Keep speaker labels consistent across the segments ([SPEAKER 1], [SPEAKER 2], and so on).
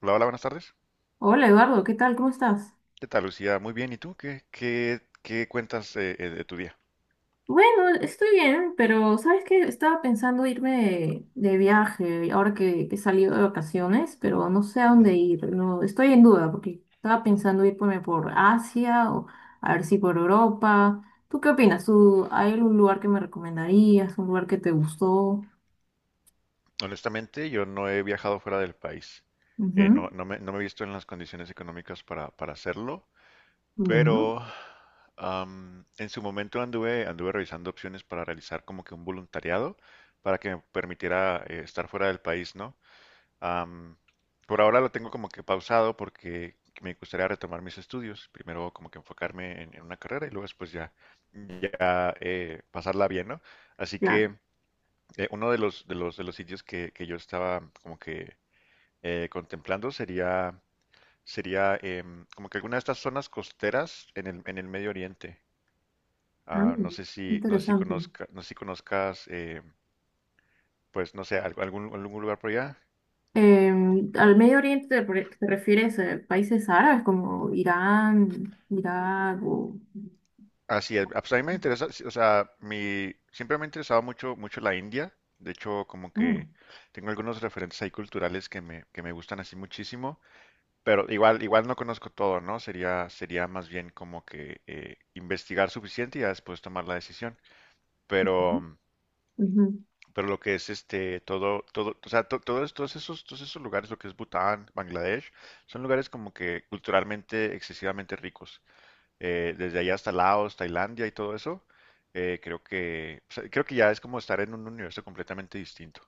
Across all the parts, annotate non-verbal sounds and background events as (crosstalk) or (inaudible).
[SPEAKER 1] Hola, hola, buenas tardes.
[SPEAKER 2] Hola Eduardo, ¿qué tal? ¿Cómo estás?
[SPEAKER 1] ¿Qué tal, Lucía? Muy bien. ¿Y tú? ¿Qué cuentas de tu día?
[SPEAKER 2] Bueno, estoy bien, pero ¿sabes qué? Estaba pensando irme de viaje ahora que he salido de vacaciones, pero no sé a dónde
[SPEAKER 1] Ujú.
[SPEAKER 2] ir. No, estoy en duda porque estaba pensando irme por Asia o a ver si por Europa. ¿Tú qué opinas? ¿Tú, hay algún lugar que me recomendarías? ¿Un lugar que te gustó?
[SPEAKER 1] Honestamente, yo no he viajado fuera del país.
[SPEAKER 2] Ujú,
[SPEAKER 1] No me he visto en las condiciones económicas para hacerlo,
[SPEAKER 2] ya, ¿no?
[SPEAKER 1] pero en su momento anduve revisando opciones para realizar como que un voluntariado para que me permitiera estar fuera del país, ¿no? Am, por ahora lo tengo como que pausado porque me gustaría retomar mis estudios. Primero como que enfocarme en una carrera y luego después ya, ya pasarla bien, ¿no? Así
[SPEAKER 2] Claro.
[SPEAKER 1] que uno de de los sitios que yo estaba como que contemplando sería como que alguna de estas zonas costeras en en el Medio Oriente.
[SPEAKER 2] Ah, interesante.
[SPEAKER 1] No sé si conozcas, pues no sé, algún lugar por allá.
[SPEAKER 2] Al Medio Oriente te refieres a países árabes como Irán, Irak o...
[SPEAKER 1] Así es. Ah, pues a mí me interesa, sí, o sea, mi, siempre me ha interesado mucho la India. De hecho, como
[SPEAKER 2] Mm,
[SPEAKER 1] que tengo algunos referentes ahí culturales que me gustan así muchísimo. Pero igual no conozco todo, ¿no? Sería más bien como que investigar suficiente y ya después tomar la decisión. Pero,
[SPEAKER 2] ujú.
[SPEAKER 1] pero lo que es este, todo, o sea, todos todos esos lugares, lo que es Bután, Bangladesh, son lugares como que culturalmente excesivamente ricos, desde allá hasta Laos, Tailandia y todo eso, creo que, o sea, creo que ya es como estar en un universo completamente distinto.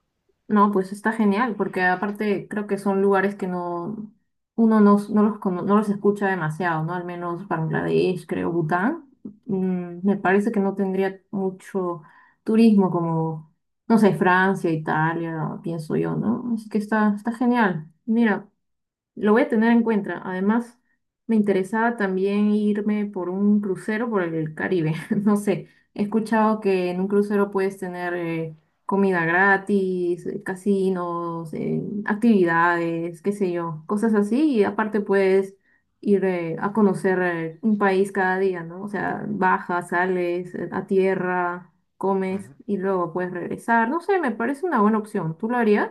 [SPEAKER 2] No, pues está genial, porque aparte creo que son lugares que no uno no, no los, cono- no los escucha demasiado, ¿no? Al menos Bangladesh, creo, Bután. Mm, me parece que no tendría mucho turismo como, no sé, Francia, Italia, pienso yo, ¿no? Así que está, está genial. Mira. Lo voy a tener en cuenta. Además, me interesaba también irme por un crucero por el Caribe. (laughs) No sé, he escuchado que en un crucero puedes tener comida gratis, casinos, actividades, qué sé yo, cosas así. Y aparte puedes ir a conocer un país cada día, ¿no? O sea, bajas, sales a tierra, comes
[SPEAKER 1] Ujú.
[SPEAKER 2] y luego puedes regresar. No sé, me parece una buena opción. ¿Tú lo harías?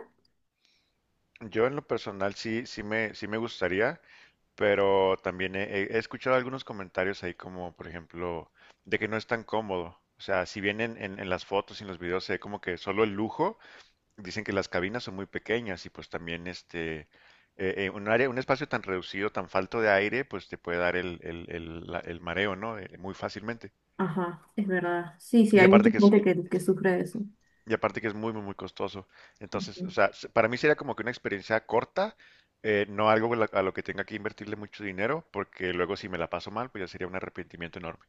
[SPEAKER 1] Yo en lo personal sí, sí me gustaría, pero también he escuchado algunos comentarios ahí como, por ejemplo, de que no es tan cómodo. O sea, si bien en las fotos y en los videos se ve como que solo el lujo, dicen que las cabinas son muy pequeñas y pues también este, un área, un espacio tan reducido, tan falto de aire, pues te puede dar el mareo, ¿no? Muy fácilmente.
[SPEAKER 2] Ajá, es verdad. Sí, sí,
[SPEAKER 1] Y
[SPEAKER 2] hay mucha
[SPEAKER 1] aparte que es,
[SPEAKER 2] gente que sufre de eso.
[SPEAKER 1] y aparte que es muy, muy, muy costoso. Entonces, o
[SPEAKER 2] Ujú.
[SPEAKER 1] sea, se- para mí sería como que una experiencia corta, no algo a lo que tenga que invertirle mucho dinero, porque luego si me la paso mal, pues ya sería un arrepentimiento enorme.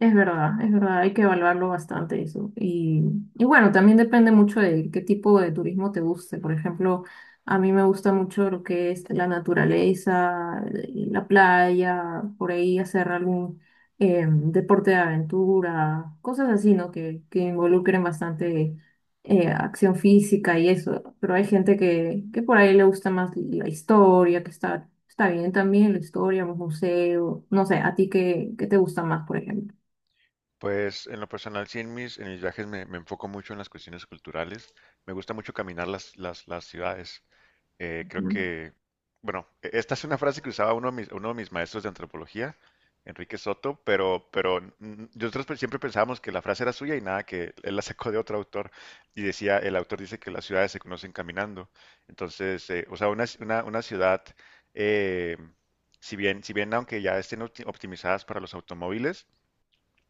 [SPEAKER 2] Es verdad, hay que evaluarlo bastante eso. Y bueno, también depende mucho de qué tipo de turismo te guste. Por ejemplo, a mí me gusta mucho lo que es la naturaleza, la playa, por ahí hacer algún deporte de aventura, cosas así, ¿no? Que involucren bastante acción física y eso. Pero hay gente que por ahí le gusta más la historia, que está, está bien también, la historia, los museos, no sé, ¿a ti qué te gusta más, por ejemplo?
[SPEAKER 1] Pues en lo personal, sí, en mis viajes me, me enfoco mucho en las cuestiones culturales. Me gusta mucho caminar las ciudades. eh, creo
[SPEAKER 2] Mm,
[SPEAKER 1] que, bueno, esta es una frase que usaba uno de mis maestros de antropología, Enrique Soto, pero, nosotros siempre pensábamos que la frase era suya y nada, que él la sacó de otro autor y decía, el autor dice que las ciudades se conocen caminando. Entonces, o sea, una ciudad, eh, si bien aunque ya estén optimizadas para los automóviles,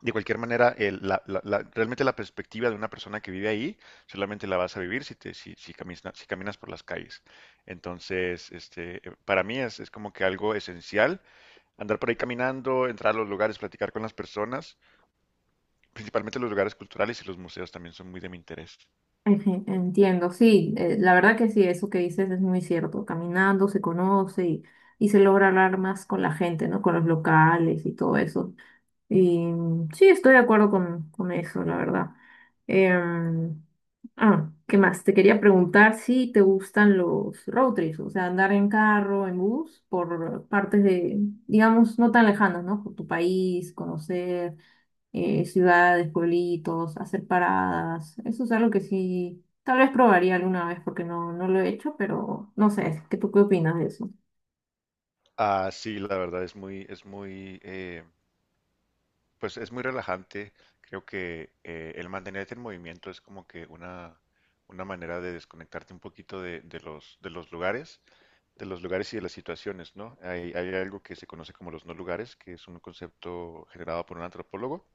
[SPEAKER 1] de cualquier manera, realmente la perspectiva de una persona que vive ahí solamente la vas a vivir si, te, si, si, caminas, si caminas por las calles. Entonces, este, para mí es como que algo esencial andar por ahí caminando, entrar a los lugares, platicar con las personas, principalmente los lugares culturales y los museos también son muy de mi interés.
[SPEAKER 2] entiendo, sí, la verdad que sí, eso que dices es muy cierto. Caminando se conoce y se logra hablar más con la gente, ¿no? Con los locales y todo eso. Y mm, sí, estoy de acuerdo con eso, la verdad. Em, ah, ¿qué más? Te quería preguntar si te gustan los road trips, o sea, andar en carro, en bus, por partes de, digamos, no tan lejanas, ¿no? Por tu país, conocer ciudades, pueblitos, hacer paradas. Eso es algo que sí, tal vez probaría alguna vez porque no, no lo he hecho, pero no sé, ¿qué tú qué opinas de eso?
[SPEAKER 1] Ah, sí, la verdad es muy, pues es muy relajante. Creo que el mantenerte en movimiento es como que una manera de desconectarte un poquito de los lugares y de las situaciones, ¿no? Hay algo que se conoce como los no lugares, que es un concepto generado por un antropólogo,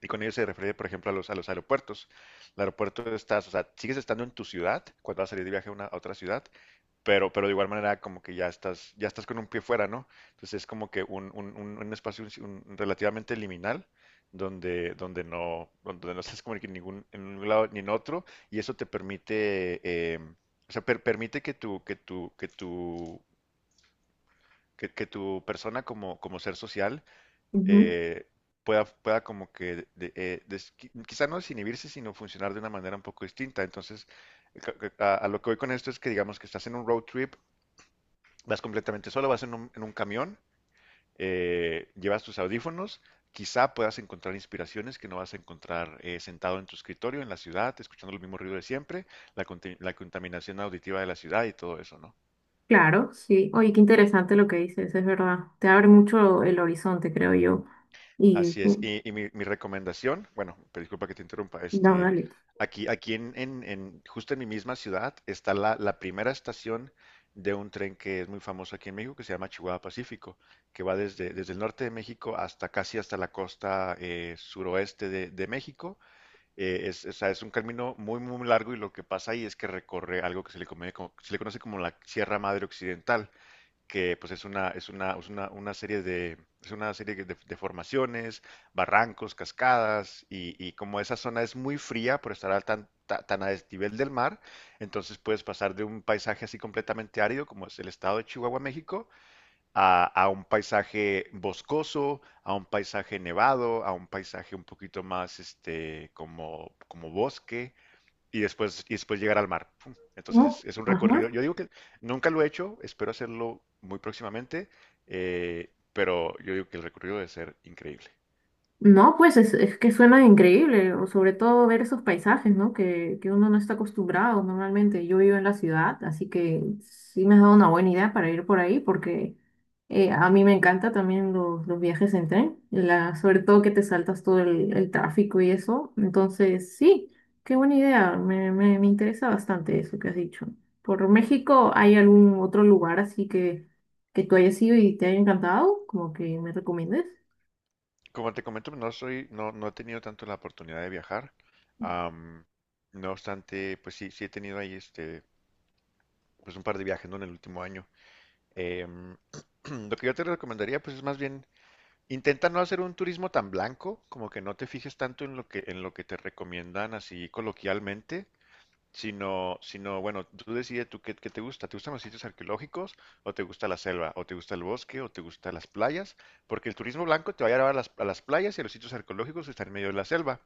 [SPEAKER 1] y con ello se refiere, por ejemplo, a los aeropuertos. El aeropuerto estás, o sea, sigues estando en tu ciudad cuando vas a salir de viaje a otra ciudad, pero de igual manera como que ya estás con un pie fuera, ¿no? Entonces es como que un espacio un relativamente liminal donde, donde no estás como que en ningún, en un lado ni en otro, y eso te permite, eh, o sea, permite que tu persona como, como ser social,
[SPEAKER 2] Ujú.
[SPEAKER 1] eh, pueda como que quizá no desinhibirse, sino funcionar de una manera un poco distinta. Entonces, a lo que voy con esto es que digamos que estás en un road trip, vas completamente solo, vas en en un camión, llevas tus audífonos, quizá puedas encontrar inspiraciones que no vas a encontrar sentado en tu escritorio, en la ciudad, escuchando el mismo ruido de siempre, la contaminación auditiva de la ciudad y todo eso, ¿no?
[SPEAKER 2] Claro, sí. Oye, qué interesante lo que dices, es verdad. Te abre mucho el horizonte, creo yo. Y
[SPEAKER 1] Así es.
[SPEAKER 2] sí,
[SPEAKER 1] Y, mi recomendación, bueno, pero disculpa que te interrumpa,
[SPEAKER 2] no,
[SPEAKER 1] este,
[SPEAKER 2] dale.
[SPEAKER 1] aquí, aquí en- justo en mi misma ciudad está la primera estación de un tren que es muy famoso aquí en México, que se llama Chihuahua Pacífico, que va desde el norte de México hasta casi hasta la costa suroeste de México. Es, o sea, es un camino muy, muy largo y lo que pasa ahí es que recorre algo que se le conoce como la Sierra Madre Occidental, que pues es una, una serie de, es una serie de formaciones, barrancos, cascadas, y como esa zona es muy fría por estar al tan a desnivel del mar, entonces puedes pasar de un paisaje así completamente árido, como es el estado de Chihuahua, México, a un paisaje boscoso, a un paisaje nevado, a un paisaje un poquito más este, como, como bosque y después llegar al mar. Pum. Entonces
[SPEAKER 2] ¿No?
[SPEAKER 1] es un recorrido.
[SPEAKER 2] Ajá.
[SPEAKER 1] Yo digo que nunca lo he hecho, espero hacerlo muy próximamente, pero yo digo que el recorrido debe ser increíble.
[SPEAKER 2] No, pues es que suena increíble, o sobre todo ver esos paisajes, ¿no? Que uno no está acostumbrado normalmente. Yo vivo en la ciudad, así que sí me has dado una buena idea para ir por ahí, porque a mí me encanta también los viajes en tren, la, sobre todo que te saltas todo el tráfico y eso. Entonces, sí, qué buena idea, me interesa bastante eso que has dicho. ¿Por México hay algún otro lugar así que tú hayas ido y te haya encantado? Como que me recomiendes.
[SPEAKER 1] Como te comento, no soy, no, no he tenido tanto la oportunidad de viajar. Am, no obstante, pues sí, sí he tenido ahí este, pues un par de viajes, ¿no? En el último año. Em, (clears throat) lo que yo te recomendaría, pues es más bien, intenta no hacer un turismo tan blanco, como que no te fijes tanto en lo en lo que te recomiendan así coloquialmente, sino, bueno, tú qué, qué te gusta. ¿Te gustan los sitios arqueológicos o te gusta la selva o te gusta el bosque o te gustan las playas? Porque el turismo blanco te va a llevar a a las playas y a los sitios arqueológicos que están en medio de la selva,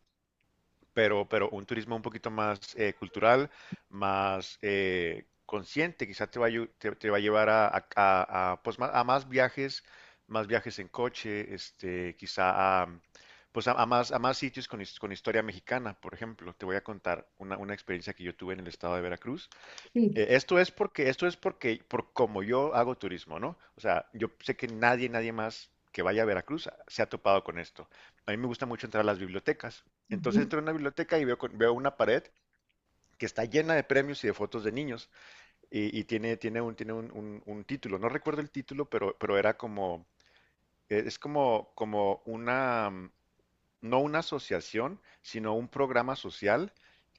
[SPEAKER 1] pero un turismo un poquito más cultural, más consciente, quizás te va te va a llevar a, pues, a más viajes en coche, este, quizá a, pues, a más sitios con historia mexicana, por ejemplo. Te voy a contar una experiencia que yo tuve en el estado de Veracruz.
[SPEAKER 2] Sí.
[SPEAKER 1] Esto es porque, esto es porque, por como yo hago turismo, ¿no? O sea, yo sé que nadie más que vaya a Veracruz se ha topado con esto. A mí me gusta mucho entrar a las bibliotecas. Entonces entro a una biblioteca y veo, veo una pared que está llena de premios y de fotos de niños. Y, un título. No recuerdo el título, pero era como, es como, como una, mm, no una asociación, sino un programa social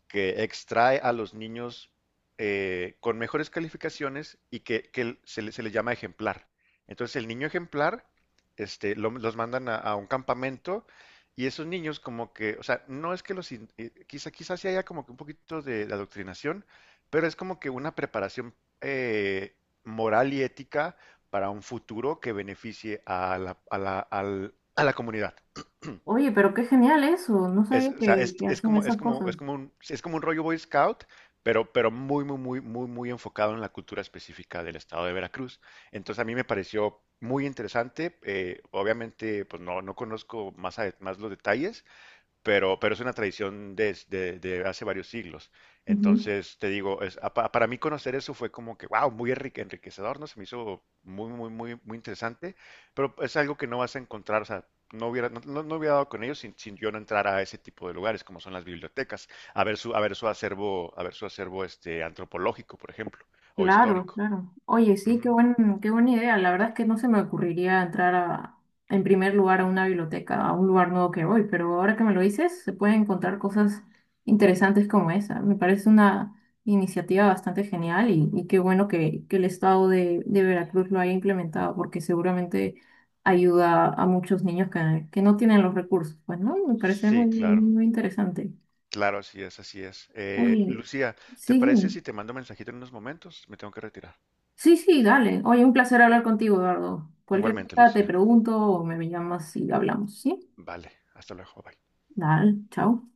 [SPEAKER 1] que extrae a los niños con mejores calificaciones y que, se le llama ejemplar. Entonces el niño ejemplar este, los mandan a un campamento y esos niños como que, o sea, no es que quizás sí haya como que un poquito de adoctrinación, pero es como que una preparación eh, moral y ética para un futuro que beneficie a la comunidad.
[SPEAKER 2] Oye, pero qué genial eso. No
[SPEAKER 1] Es,
[SPEAKER 2] sabía
[SPEAKER 1] o sea,
[SPEAKER 2] que hacían esas cosas.
[SPEAKER 1] es como un rollo Boy Scout, pero muy, muy, muy, muy, muy enfocado en la cultura específica del estado de Veracruz. Entonces a mí me pareció muy interesante. Eh, obviamente, pues no, no conozco más, más los detalles, pero es una tradición desde de hace varios siglos.
[SPEAKER 2] Ujú.
[SPEAKER 1] Entonces, te digo, es, para mí conocer eso fue como que, wow, muy enriquecedor, ¿no? Se me hizo muy, muy, muy, muy interesante, pero es algo que no vas a encontrar, o sea, no hubiera, no hubiera dado con ellos sin, sin yo no entrar a ese tipo de lugares, como son las bibliotecas, a ver su acervo, a ver su acervo este, antropológico, por ejemplo, o
[SPEAKER 2] Claro,
[SPEAKER 1] histórico.
[SPEAKER 2] claro. Oye, sí,
[SPEAKER 1] Ujú.
[SPEAKER 2] qué buena idea. La verdad es que no se me ocurriría entrar a, en primer lugar a una biblioteca, a un lugar nuevo que voy, pero ahora que me lo dices, se pueden encontrar cosas interesantes como esa. Me parece una iniciativa bastante genial y qué bueno que el estado de Veracruz lo haya implementado, porque seguramente ayuda a muchos niños que no tienen los recursos. Pues, ¿no? Me parece
[SPEAKER 1] Sí,
[SPEAKER 2] muy,
[SPEAKER 1] claro,
[SPEAKER 2] muy interesante.
[SPEAKER 1] claro, así es, así es.
[SPEAKER 2] Oye,
[SPEAKER 1] Lucía, ¿te
[SPEAKER 2] sí,
[SPEAKER 1] parece
[SPEAKER 2] dime.
[SPEAKER 1] si te mando un mensajito en unos momentos? Me tengo que retirar.
[SPEAKER 2] Sí, sí, dale. Oye, un placer hablar contigo, Eduardo. Cualquier
[SPEAKER 1] Igualmente,
[SPEAKER 2] cosa te
[SPEAKER 1] Lucía.
[SPEAKER 2] pregunto o me llamas y hablamos, ¿sí?
[SPEAKER 1] Vale, hasta luego. Bye.
[SPEAKER 2] Dale, chao.